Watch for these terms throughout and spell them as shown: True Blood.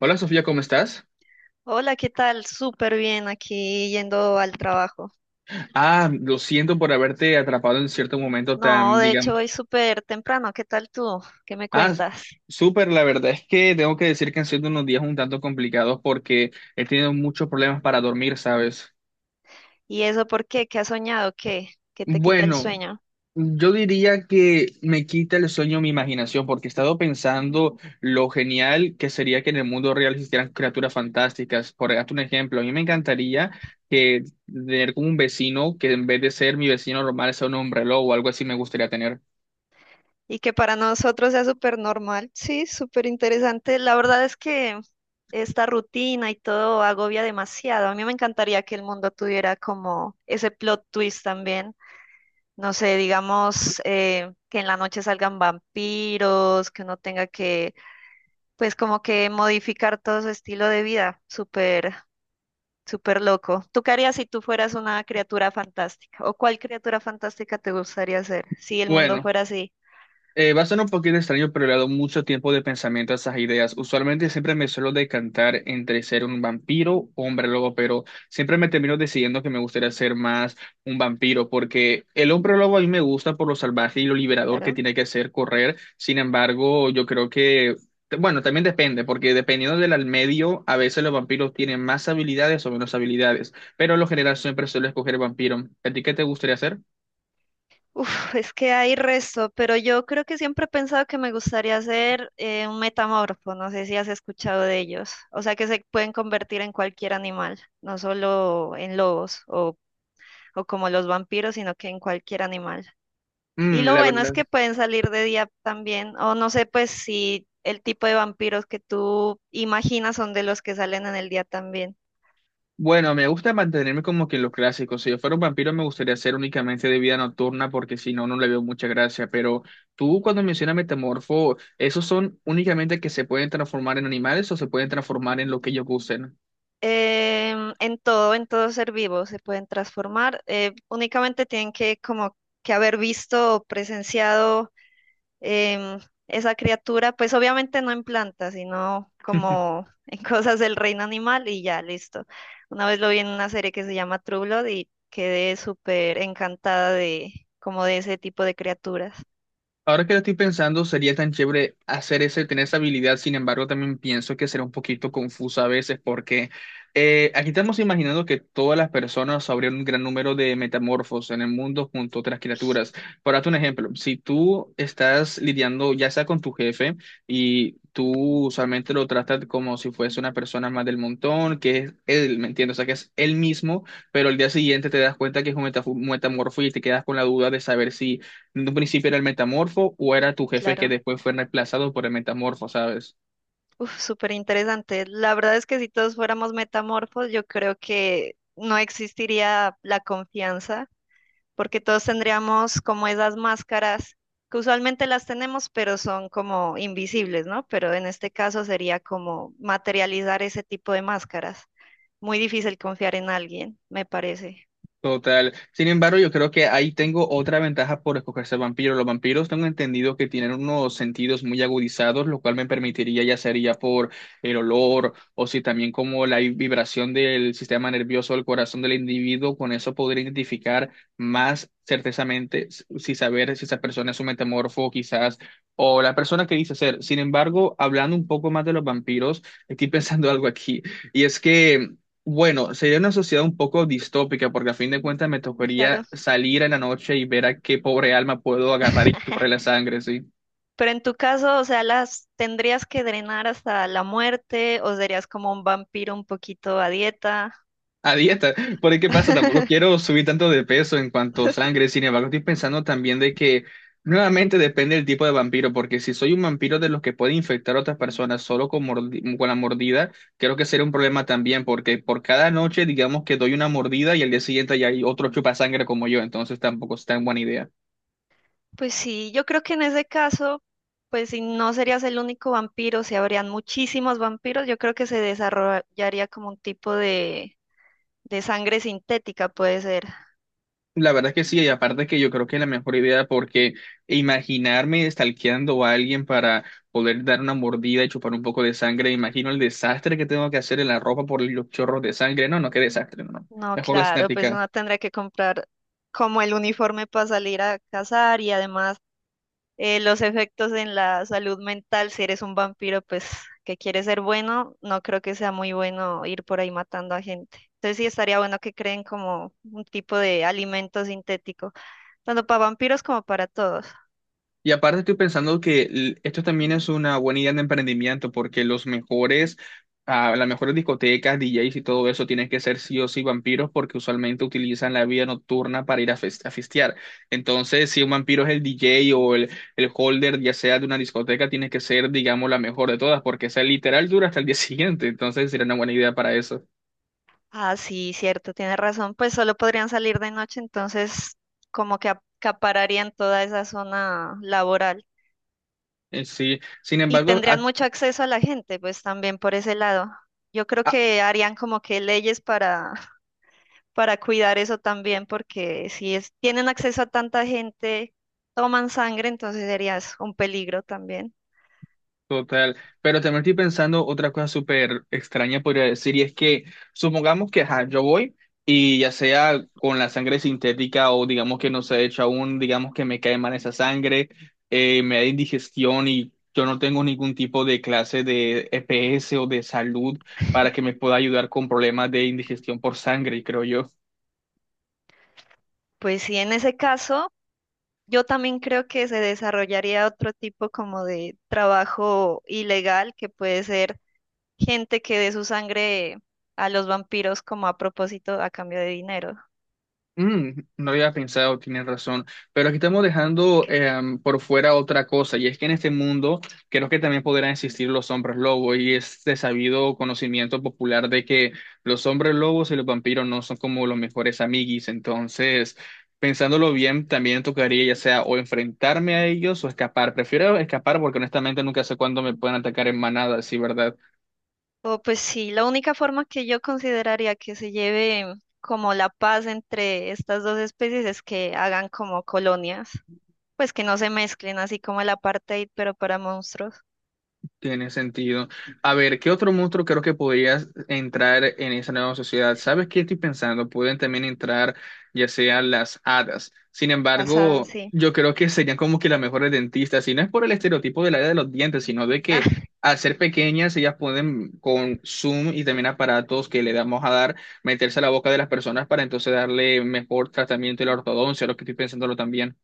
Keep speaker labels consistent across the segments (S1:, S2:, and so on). S1: Hola Sofía, ¿cómo estás?
S2: Hola, ¿qué tal? Súper bien aquí yendo al trabajo.
S1: Ah, lo siento por haberte atrapado en cierto momento
S2: No,
S1: tan,
S2: de
S1: digamos.
S2: hecho hoy súper temprano. ¿Qué tal tú? ¿Qué me
S1: Ah,
S2: cuentas?
S1: Súper, la verdad es que tengo que decir que han sido unos días un tanto complicados porque he tenido muchos problemas para dormir, ¿sabes?
S2: ¿Y eso por qué? ¿Qué has soñado? ¿Qué? ¿Qué te quita el
S1: Bueno,
S2: sueño?
S1: yo diría que me quita el sueño mi imaginación porque he estado pensando lo genial que sería que en el mundo real existieran criaturas fantásticas. Por darte un ejemplo, a mí me encantaría que tener como un vecino que en vez de ser mi vecino normal sea un hombre lobo o algo así me gustaría tener.
S2: Y que para nosotros sea súper normal. Sí, súper interesante. La verdad es que esta rutina y todo agobia demasiado. A mí me encantaría que el mundo tuviera como ese plot twist también. No sé, digamos que en la noche salgan vampiros, que uno tenga que pues como que modificar todo su estilo de vida, súper, súper loco. ¿Tú qué harías si tú fueras una criatura fantástica? ¿O cuál criatura fantástica te gustaría ser si el mundo
S1: Bueno,
S2: fuera así?
S1: va a sonar un poquito extraño, pero le he dado mucho tiempo de pensamiento a esas ideas. Usualmente siempre me suelo decantar entre ser un vampiro o hombre lobo, pero siempre me termino decidiendo que me gustaría ser más un vampiro, porque el hombre lobo a mí me gusta por lo salvaje y lo liberador que
S2: Claro.
S1: tiene que ser correr. Sin embargo, yo creo que, bueno, también depende, porque dependiendo del al medio, a veces los vampiros tienen más habilidades o menos habilidades, pero en lo general siempre suelo escoger vampiro. ¿A ti qué te gustaría hacer?
S2: Uf, es que hay resto, pero yo creo que siempre he pensado que me gustaría ser un metamorfo, no sé si has escuchado de ellos, o sea que se pueden convertir en cualquier animal, no solo en lobos o como los vampiros, sino que en cualquier animal. Y
S1: Mm,
S2: lo
S1: la
S2: bueno es
S1: verdad.
S2: que pueden salir de día también, o no sé, pues si el tipo de vampiros que tú imaginas son de los que salen en el día también.
S1: Bueno, me gusta mantenerme como que en los clásicos. Si yo fuera un vampiro, me gustaría ser únicamente de vida nocturna, porque si no, no le veo mucha gracia. Pero tú, cuando mencionas metamorfo, ¿esos son únicamente que se pueden transformar en animales o se pueden transformar en lo que ellos gusten?
S2: En todo, en todo ser vivo se pueden transformar. Únicamente tienen que como que haber visto o presenciado em, esa criatura, pues obviamente no en plantas, sino como en cosas del reino animal y ya, listo. Una vez lo vi en una serie que se llama True Blood y quedé súper encantada de como de ese tipo de criaturas,
S1: Ahora que lo estoy pensando, sería tan chévere hacer ese, tener esa habilidad. Sin embargo, también pienso que será un poquito confuso a veces porque aquí estamos imaginando que todas las personas habría un gran número de metamorfos en el mundo junto a otras criaturas. Por darte un ejemplo, si tú estás lidiando ya sea con tu jefe y tú usualmente lo tratas como si fuese una persona más del montón, que es él, ¿me entiendes? O sea, que es él mismo, pero al día siguiente te das cuenta que es un metamorfo y te quedas con la duda de saber si en un principio era el metamorfo o era tu jefe que
S2: claro.
S1: después fue reemplazado por el metamorfo, ¿sabes?
S2: Uf, súper interesante. La verdad es que si todos fuéramos metamorfos, yo creo que no existiría la confianza porque todos tendríamos como esas máscaras que usualmente las tenemos, pero son como invisibles, ¿no? Pero en este caso sería como materializar ese tipo de máscaras. Muy difícil confiar en alguien, me parece.
S1: Total. Sin embargo, yo creo que ahí tengo otra ventaja por escogerse vampiro. Los vampiros tengo entendido que tienen unos sentidos muy agudizados, lo cual me permitiría, ya sería por el olor o si también como la vibración del sistema nervioso del corazón del individuo, con eso podría identificar más certezamente si saber si esa persona es un metamorfo quizás o la persona que dice ser. Sin embargo, hablando un poco más de los vampiros, estoy pensando algo aquí y es que bueno, sería una sociedad un poco distópica porque a fin de cuentas me
S2: Claro.
S1: tocaría salir en la noche y ver a qué pobre alma puedo agarrar y chuparle la sangre, sí.
S2: Pero en tu caso, o sea, las tendrías que drenar hasta la muerte o serías como un vampiro un poquito a dieta.
S1: A dieta, por ahí qué pasa, tampoco quiero subir tanto de peso en cuanto a sangre, sin embargo estoy pensando también de que nuevamente depende del tipo de vampiro, porque si soy un vampiro de los que puede infectar a otras personas solo con, con la mordida, creo que sería un problema también, porque por cada noche digamos que doy una mordida y al día siguiente ya hay otro chupa sangre como yo, entonces tampoco es tan buena idea.
S2: Pues sí, yo creo que en ese caso, pues si no serías el único vampiro, si habrían muchísimos vampiros, yo creo que se desarrollaría como un tipo de sangre sintética, puede ser.
S1: La verdad que sí, y aparte que yo creo que es la mejor idea porque imaginarme stalkeando a alguien para poder dar una mordida y chupar un poco de sangre, imagino el desastre que tengo que hacer en la ropa por los chorros de sangre. No, no, qué desastre, no, no.
S2: No,
S1: Mejor la
S2: claro, pues
S1: cinética.
S2: uno tendría que comprar como el uniforme para salir a cazar y además los efectos en la salud mental, si eres un vampiro, pues que quieres ser bueno, no creo que sea muy bueno ir por ahí matando a gente. Entonces sí estaría bueno que creen como un tipo de alimento sintético, tanto para vampiros como para todos.
S1: Y aparte estoy pensando que esto también es una buena idea de emprendimiento porque los mejores, ah, las mejores discotecas, DJs y todo eso tienen que ser sí o sí vampiros porque usualmente utilizan la vida nocturna para ir a, a fistear. Entonces, si un vampiro es el DJ o el holder, ya sea de una discoteca, tiene que ser, digamos, la mejor de todas porque esa literal dura hasta el día siguiente. Entonces, sería una buena idea para eso.
S2: Ah, sí, cierto, tienes razón, pues solo podrían salir de noche, entonces como que acapararían toda esa zona laboral
S1: Sí, sin
S2: y
S1: embargo,
S2: tendrían mucho acceso a la gente, pues también por ese lado. Yo creo que harían como que leyes para cuidar eso también, porque si es, tienen acceso a tanta gente, toman sangre, entonces serías un peligro también.
S1: total, pero también estoy pensando otra cosa súper extraña, podría decir, y es que supongamos que ajá, yo voy y ya sea con la sangre sintética o digamos que no se ha hecho aún, digamos que me cae mal esa sangre, me da indigestión y yo no tengo ningún tipo de clase de EPS o de salud para que me pueda ayudar con problemas de indigestión por sangre, creo yo.
S2: Pues sí, en ese caso, yo también creo que se desarrollaría otro tipo como de trabajo ilegal, que puede ser gente que dé su sangre a los vampiros como a propósito a cambio de dinero.
S1: Mm, no había pensado, tienes razón, pero aquí estamos dejando por fuera otra cosa, y es que en este mundo creo que también podrán existir los hombres lobos, y es de sabido conocimiento popular de que los hombres lobos y los vampiros no son como los mejores amiguis, entonces, pensándolo bien, también tocaría ya sea o enfrentarme a ellos o escapar, prefiero escapar porque honestamente nunca sé cuándo me pueden atacar en manada, sí, ¿verdad?
S2: O pues sí, la única forma que yo consideraría que se lleve como la paz entre estas dos especies es que hagan como colonias. Pues que no se mezclen así como el apartheid, pero para monstruos.
S1: Tiene sentido. A ver, ¿qué otro monstruo creo que podrías entrar en esa nueva sociedad? ¿Sabes qué estoy pensando? Pueden también entrar ya sean las hadas. Sin
S2: Las hadas,
S1: embargo,
S2: sí.
S1: yo creo que serían como que las mejores dentistas, y no es por el estereotipo del área de los dientes, sino de
S2: Ah,
S1: que al ser pequeñas ellas pueden con Zoom y también aparatos que le damos a dar, meterse a la boca de las personas para entonces darle mejor tratamiento y la ortodoncia, lo que estoy pensándolo también.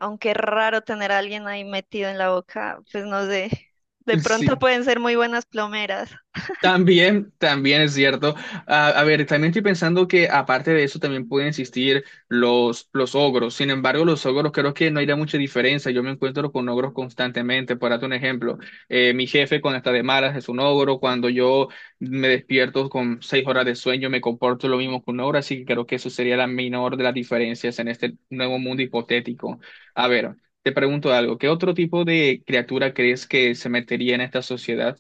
S2: aunque es raro tener a alguien ahí metido en la boca, pues no sé. De pronto
S1: Sí.
S2: pueden ser muy buenas plomeras.
S1: También, también es cierto. A ver, también estoy pensando que aparte de eso también pueden existir los ogros. Sin embargo, los ogros creo que no hay mucha diferencia. Yo me encuentro con ogros constantemente. Por darte un ejemplo, mi jefe cuando está de malas es un ogro. Cuando yo me despierto con seis horas de sueño me comporto lo mismo que un ogro. Así que creo que eso sería la menor de las diferencias en este nuevo mundo hipotético. A ver, te pregunto algo. ¿Qué otro tipo de criatura crees que se metería en esta sociedad?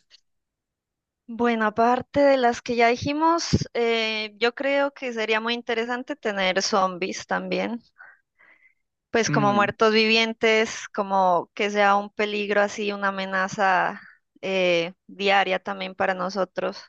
S2: Bueno, aparte de las que ya dijimos, yo creo que sería muy interesante tener zombies también, pues como
S1: Mm.
S2: muertos vivientes, como que sea un peligro así, una amenaza diaria también para nosotros.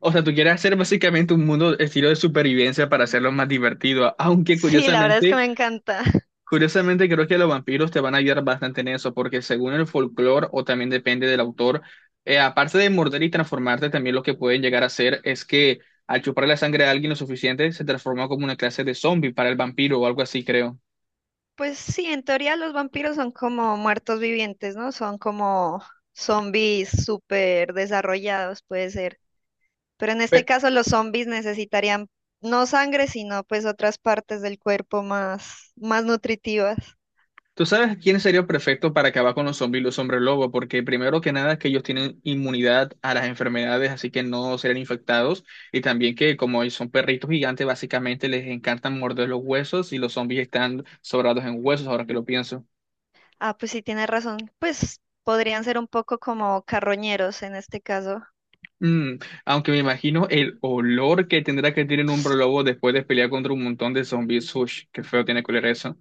S1: O sea, tú quieres hacer básicamente un mundo estilo de supervivencia para hacerlo más divertido, aunque
S2: Sí, la verdad es que
S1: curiosamente,
S2: me encanta.
S1: curiosamente creo que los vampiros te van a ayudar bastante en eso, porque según el folclore, o también depende del autor, aparte de morder y transformarte, también lo que pueden llegar a hacer es que al chupar la sangre a alguien lo suficiente, se transforma como una clase de zombie para el vampiro o algo así, creo.
S2: Pues sí, en teoría los vampiros son como muertos vivientes, ¿no? Son como zombies súper desarrollados, puede ser. Pero en este
S1: Pe-
S2: caso los zombies necesitarían no sangre, sino pues otras partes del cuerpo más, más nutritivas.
S1: ¿Tú sabes quién sería perfecto para acabar con los zombies y los hombres lobo? Porque primero que nada es que ellos tienen inmunidad a las enfermedades, así que no serán infectados. Y también que como ellos son perritos gigantes, básicamente les encantan morder los huesos y los zombies están sobrados en huesos, ahora que lo pienso.
S2: Ah, pues sí, tienes razón. Pues podrían ser un poco como carroñeros en este caso.
S1: Mm, aunque me imagino el olor que tendrá que tener un hombre lobo después de pelear contra un montón de zombies. Ush, qué feo tiene que oler eso.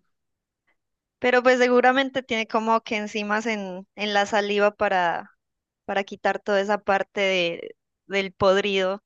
S2: Pero pues seguramente tiene como que enzimas en la saliva para quitar toda esa parte de- del podrido.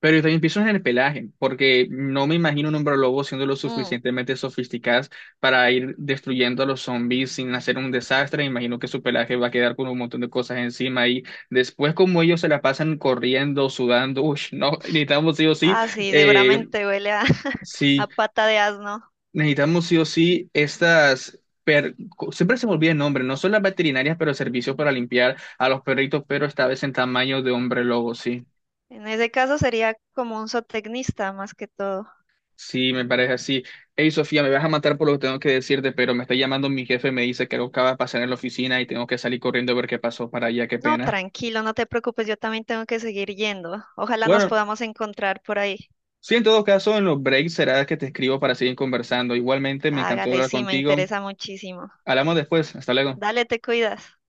S1: Pero yo también pienso en el pelaje, porque no me imagino un hombre lobo siendo lo
S2: Mm.
S1: suficientemente sofisticadas para ir destruyendo a los zombies sin hacer un desastre. Imagino que su pelaje va a quedar con un montón de cosas encima y después como ellos se la pasan corriendo, sudando, uy, no, necesitamos sí o sí,
S2: Ah, sí,
S1: eh,
S2: seguramente huele a, a
S1: sí,
S2: pata de asno.
S1: necesitamos sí o sí estas... siempre se me olvida el nombre, no son las veterinarias, pero servicios para limpiar a los perritos, pero esta vez en tamaño de hombre lobo, sí.
S2: En ese caso sería como un zootecnista más que todo.
S1: Sí, me parece así. Hey, Sofía, me vas a matar por lo que tengo que decirte, pero me está llamando mi jefe, me dice que algo acaba de pasar en la oficina y tengo que salir corriendo a ver qué pasó para allá, qué
S2: No,
S1: pena.
S2: tranquilo, no te preocupes, yo también tengo que seguir yendo. Ojalá nos
S1: Bueno,
S2: podamos encontrar por ahí.
S1: sí, en todo caso, en los breaks será que te escribo para seguir conversando. Igualmente, me encantó
S2: Hágale,
S1: hablar
S2: sí, me
S1: contigo.
S2: interesa muchísimo.
S1: Hablamos después. Hasta luego.
S2: Dale, te cuidas.